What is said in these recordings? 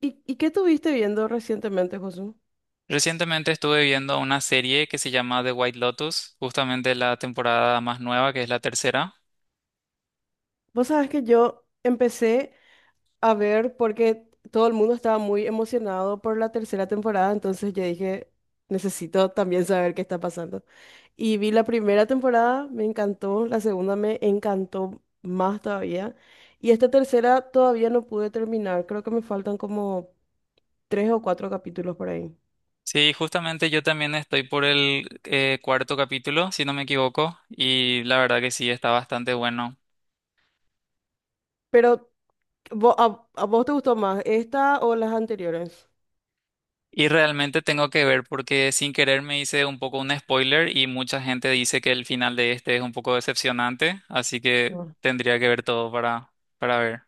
¿Y, qué estuviste viendo recientemente, Josu? Recientemente estuve viendo una serie que se llama The White Lotus, justamente la temporada más nueva, que es la tercera. Vos sabés que yo empecé a ver porque todo el mundo estaba muy emocionado por la tercera temporada, entonces yo dije, necesito también saber qué está pasando. Y vi la primera temporada, me encantó, la segunda me encantó más todavía, y esta tercera todavía no pude terminar, creo que me faltan como tres o cuatro capítulos por ahí. Sí, justamente yo también estoy por el cuarto capítulo, si no me equivoco, y la verdad que sí, está bastante bueno. Pero, ¿a vos te gustó más esta o las anteriores? Y realmente tengo que ver porque sin querer me hice un poco un spoiler y mucha gente dice que el final de este es un poco decepcionante, así que tendría que ver todo para ver.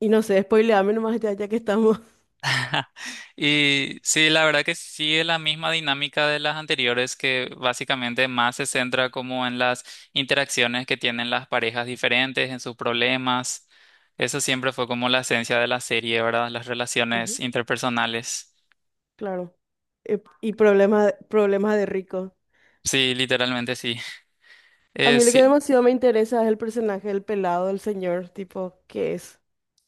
Y no sé, spoileame nomás ya que estamos. Y sí, la verdad que sigue la misma dinámica de las anteriores, que básicamente más se centra como en las interacciones que tienen las parejas diferentes, en sus problemas. Eso siempre fue como la esencia de la serie, ¿verdad? Las relaciones Ujú. interpersonales. Claro. Y problemas de rico. Sí, literalmente sí. A mí lo que Sí, demasiado me interesa es el personaje del pelado, del señor, tipo, ¿qué es?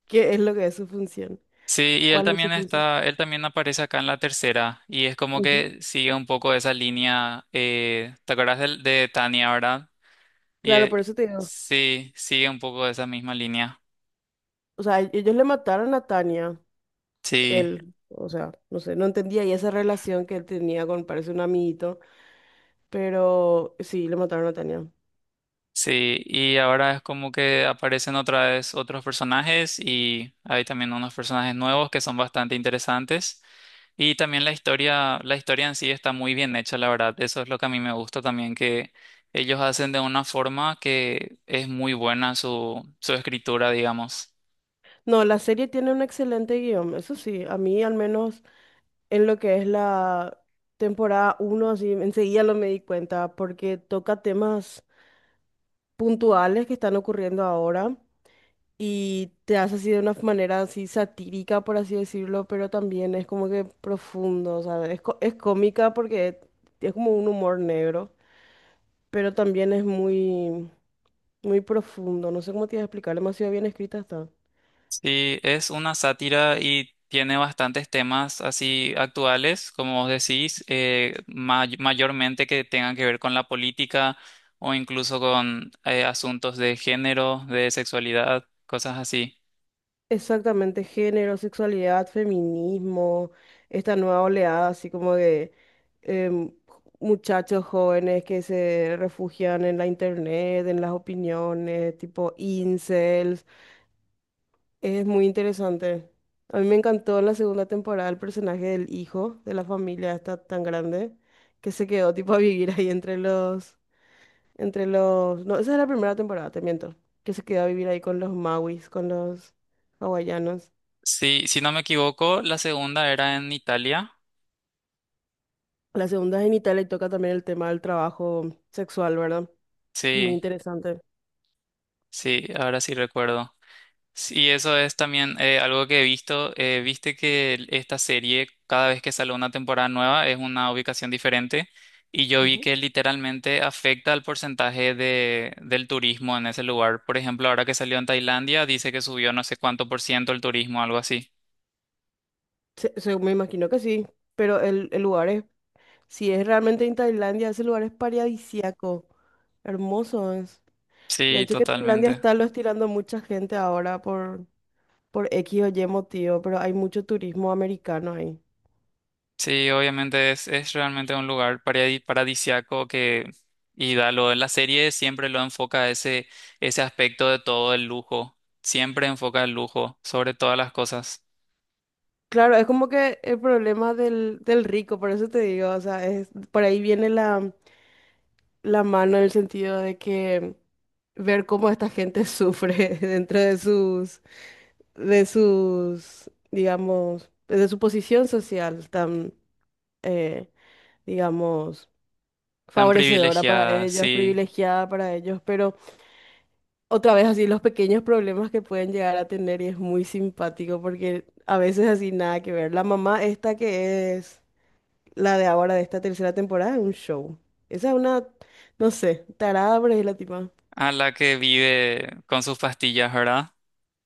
¿Qué es lo que es su función? sí, y él ¿Cuál es su también función? está, él también aparece acá en la tercera, y es como Ujú. que sigue un poco esa línea, ¿te acuerdas Tania, ¿verdad? Y Claro, por eso te digo. sí, sigue un poco esa misma línea. O sea, ellos le mataron a Tania. Sí, Él, o sea, no sé, no entendía, y esa relación que él tenía con, parece un amiguito, pero sí, le mataron a Tania. sí. Y ahora es como que aparecen otra vez otros personajes y hay también unos personajes nuevos que son bastante interesantes. Y también la historia en sí está muy bien hecha, la verdad. Eso es lo que a mí me gusta también, que ellos hacen de una forma que es muy buena su escritura, digamos. No, la serie tiene un excelente guión, eso sí, a mí al menos en lo que es la temporada uno así enseguida lo me di cuenta, porque toca temas puntuales que están ocurriendo ahora y te hace así de una manera así satírica, por así decirlo, pero también es como que profundo, o sea, es, es cómica porque es como un humor negro, pero también es muy profundo. No sé cómo te iba a explicar, demasiado bien escrita está. Sí, es una sátira y tiene bastantes temas así actuales, como vos decís, mayormente que tengan que ver con la política o incluso con asuntos de género, de sexualidad, cosas así. Exactamente, género, sexualidad, feminismo, esta nueva oleada, así como de em, muchachos jóvenes que se refugian en la internet, en las opiniones, tipo incels. Es muy interesante. A mí me encantó en la segunda temporada el personaje del hijo de la familia esta tan grande que se quedó tipo a vivir ahí entre los... No, esa es la primera temporada, te miento. Que se queda a vivir ahí con los Mauis, con los hawaianos. Sí, si no me equivoco, la segunda era en Italia. La segunda es en Italia y toca también el tema del trabajo sexual, ¿verdad? Muy Sí, interesante. sí, ahora sí recuerdo. Sí, eso es también algo que he visto. Viste que esta serie, cada vez que sale una temporada nueva, es una ubicación diferente. Y yo vi Ujú. que literalmente afecta al porcentaje del turismo en ese lugar. Por ejemplo, ahora que salió en Tailandia, dice que subió no sé cuánto por ciento el turismo, algo así. Me imagino que sí, pero el lugar es... Si es realmente en Tailandia, ese lugar es paradisíaco. Hermoso es. De Sí, hecho, que Tailandia totalmente. está lo estirando mucha gente ahora por X o Y motivo, pero hay mucho turismo americano ahí. Sí, obviamente es realmente un lugar paradisiaco que, y da lo de la serie siempre lo enfoca ese aspecto de todo el lujo. Siempre enfoca el lujo sobre todas las cosas. Claro, es como que el problema del rico, por eso te digo, o sea, es, por ahí viene la mano en el sentido de que ver cómo esta gente sufre dentro de sus, digamos, de su posición social tan, eh, digamos, Tan favorecedora para privilegiada, ellos, sí. privilegiada para ellos, pero otra vez así los pequeños problemas que pueden llegar a tener, y es muy simpático porque a veces así nada que ver. La mamá esta que es la de ahora, de esta tercera temporada, es un show. Esa es una, no sé, tarada, pero es la tipa. A la que vive con sus pastillas, ¿verdad?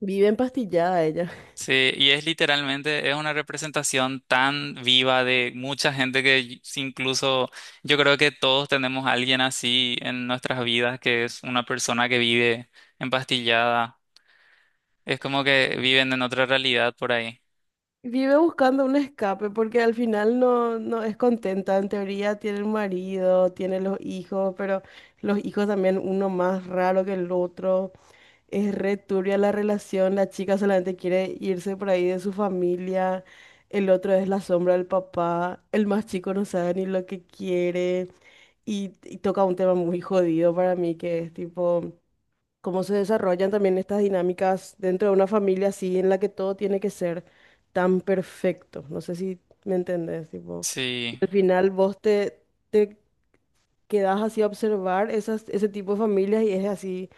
Vive empastillada ella. Sí, y es literalmente, es una representación tan viva de mucha gente que y- si incluso yo creo que todos tenemos a alguien así en nuestras vidas, que es una persona que vive empastillada. Es como que viven en otra realidad por ahí. Vive buscando un escape porque al final no es contenta. En teoría tiene un marido, tiene los hijos, pero los hijos también, uno más raro que el otro. Es re turbia la relación, la chica solamente quiere irse por ahí de su familia, el otro es la sombra del papá, el más chico no sabe ni lo que quiere, y toca un tema muy jodido para mí que es tipo cómo se desarrollan también estas dinámicas dentro de una familia así en la que todo tiene que ser tan perfecto. No sé si me entendés, tipo, y Sí, al final te quedás así a observar esas, ese tipo de familias, y es así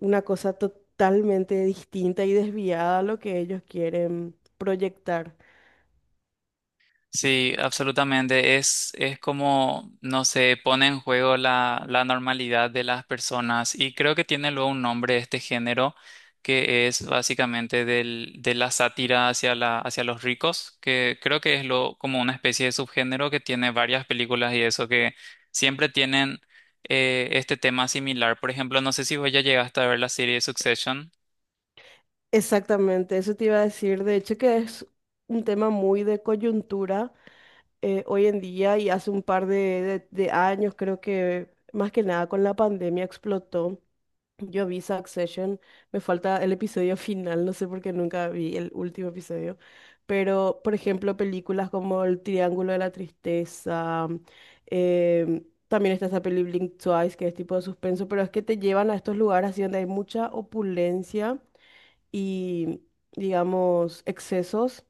una cosa totalmente distinta y desviada a lo que ellos quieren proyectar. sí, absolutamente. Es como, no sé, pone en juego la normalidad de las personas. Y creo que tiene luego un nombre este género, que es básicamente de la sátira hacia los ricos, que creo que es lo, como una especie de subgénero que tiene varias películas y eso, que siempre tienen este tema similar. Por ejemplo, no sé si vos ya llegaste a ver la serie Succession. Exactamente, eso te iba a decir, de hecho que es un tema muy de coyuntura, hoy en día, y hace un par de, de años, creo que más que nada con la pandemia explotó. Yo vi Succession, me falta el episodio final, no sé por qué nunca vi el último episodio, pero por ejemplo películas como El Triángulo de la Tristeza, también está esa peli Blink Twice, que es tipo de suspenso, pero es que te llevan a estos lugares así donde hay mucha opulencia y, digamos, excesos,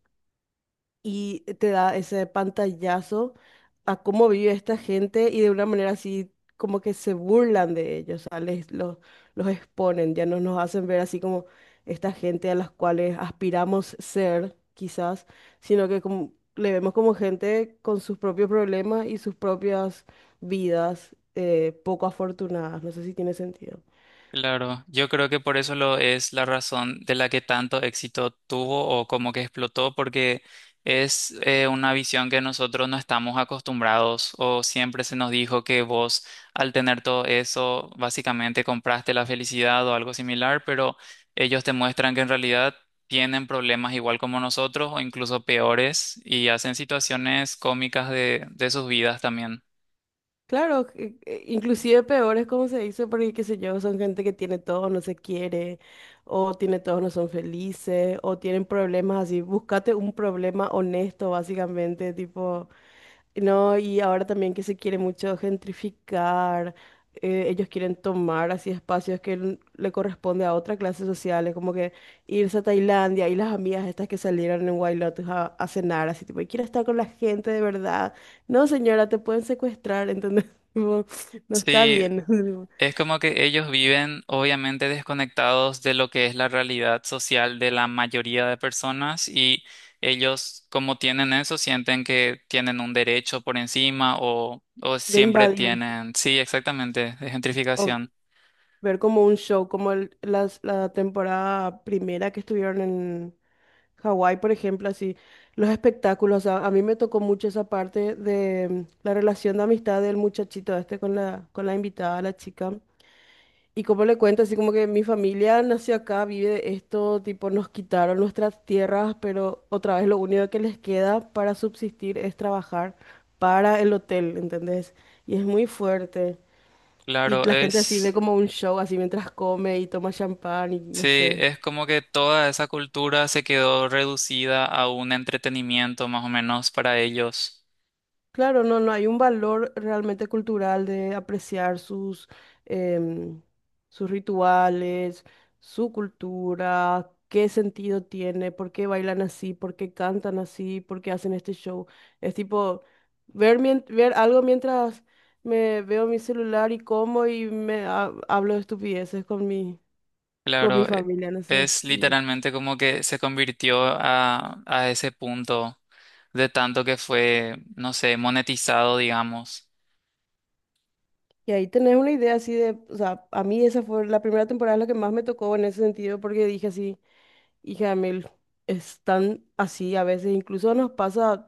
y te da ese pantallazo a cómo vive esta gente y de una manera así como que se burlan de ellos, o sea, los exponen, ya no nos hacen ver así como esta gente a las cuales aspiramos ser, quizás, sino que le vemos como gente con sus propios problemas y sus propias vidas, poco afortunadas. No sé si tiene sentido. Claro, yo creo que por eso lo es la razón de la que tanto éxito tuvo o como que explotó, porque es una visión que nosotros no estamos acostumbrados o siempre se nos dijo que vos al tener todo eso básicamente compraste la felicidad o algo similar, pero ellos te muestran que en realidad tienen problemas igual como nosotros o incluso peores y hacen situaciones cómicas de sus vidas también. Claro, inclusive peor es como se dice, porque qué sé yo, son gente que tiene todo, no se quiere, o tiene todo, no son felices, o tienen problemas así. Búscate un problema honesto, básicamente, tipo, no, y ahora también que se quiere mucho gentrificar, ellos quieren tomar así espacios que le corresponde a otras clases sociales, como que irse a Tailandia y las amigas estas que salieron en White a cenar, así tipo, y quiero estar con la gente de verdad. No, señora, te pueden secuestrar, entonces tipo, no está Sí, bien es como que ellos viven obviamente desconectados de lo que es la realidad social de la mayoría de personas y ellos como tienen eso sienten que tienen un derecho por encima o de siempre invadir. tienen, sí, exactamente, es gentrificación. Ver como un show, como la temporada primera que estuvieron en Hawái, por ejemplo, así, los espectáculos. A mí me tocó mucho esa parte de la relación de amistad del muchachito este con la invitada, la chica. Y como le cuento, así como que mi familia nació acá, vive de esto, tipo nos quitaron nuestras tierras, pero otra vez lo único que les queda para subsistir es trabajar para el hotel, ¿entendés? Y es muy fuerte. Y Claro, la gente así ve es, como un show, así mientras come y toma champán y no sí, sé. es como que toda esa cultura se quedó reducida a un entretenimiento más o menos para ellos. Claro, no, no, hay un valor realmente cultural de apreciar sus, em, sus rituales, su cultura, qué sentido tiene, por qué bailan así, por qué cantan así, por qué hacen este show. Es tipo ver, ver algo mientras me veo mi celular y como y hablo de estupideces con mi Claro, familia, no sé. es literalmente como que se convirtió a ese punto. De tanto que fue, no sé, monetizado, digamos. Y ahí tenés una idea así de, o sea, a mí esa fue la primera temporada la que más me tocó en ese sentido porque dije así, hija de... están así a veces, incluso nos pasa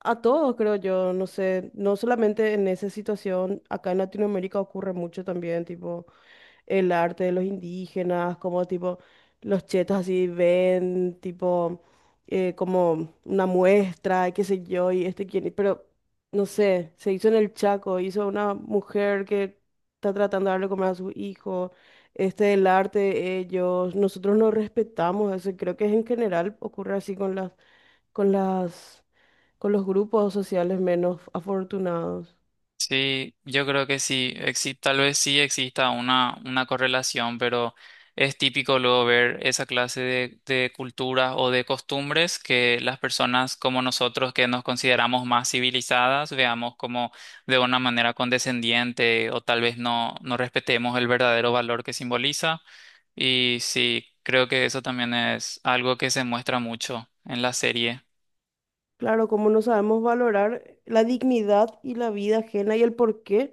a todos, creo yo, no sé, no solamente en esa situación, acá en Latinoamérica ocurre mucho también, tipo, el arte de los indígenas, como tipo los chetos así ven, tipo como una muestra, y qué sé yo, y este quién, pero no sé, se hizo en el Chaco, hizo una mujer que está tratando de darle comer a su hijo, este el arte de ellos, nosotros no respetamos eso, y creo que en general ocurre así con las, con las, con los grupos sociales menos afortunados. Sí, yo creo que sí, tal vez sí exista una correlación, pero es típico luego ver esa clase de culturas o de costumbres que las personas como nosotros que nos consideramos más civilizadas veamos como de una manera condescendiente o tal vez no, no respetemos el verdadero valor que simboliza. Y sí, creo que eso también es algo que se muestra mucho en la serie. Claro, como no sabemos valorar la dignidad y la vida ajena y el porqué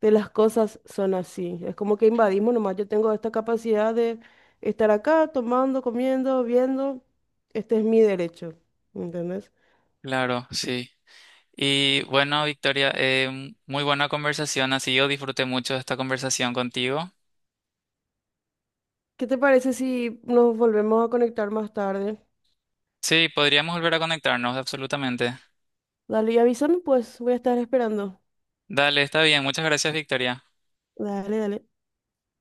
de las cosas son así. Es como que invadimos nomás. Yo tengo esta capacidad de estar acá tomando, comiendo, viendo. Este es mi derecho. ¿Entendés? Claro, sí. Y bueno, Victoria, muy buena conversación, así yo disfruté mucho de esta conversación contigo. ¿Qué te parece si nos volvemos a conectar más tarde? Sí, podríamos volver a conectarnos, absolutamente. Dale y avísame, pues voy a estar esperando. Dale, está bien, muchas gracias, Victoria. Dale, dale.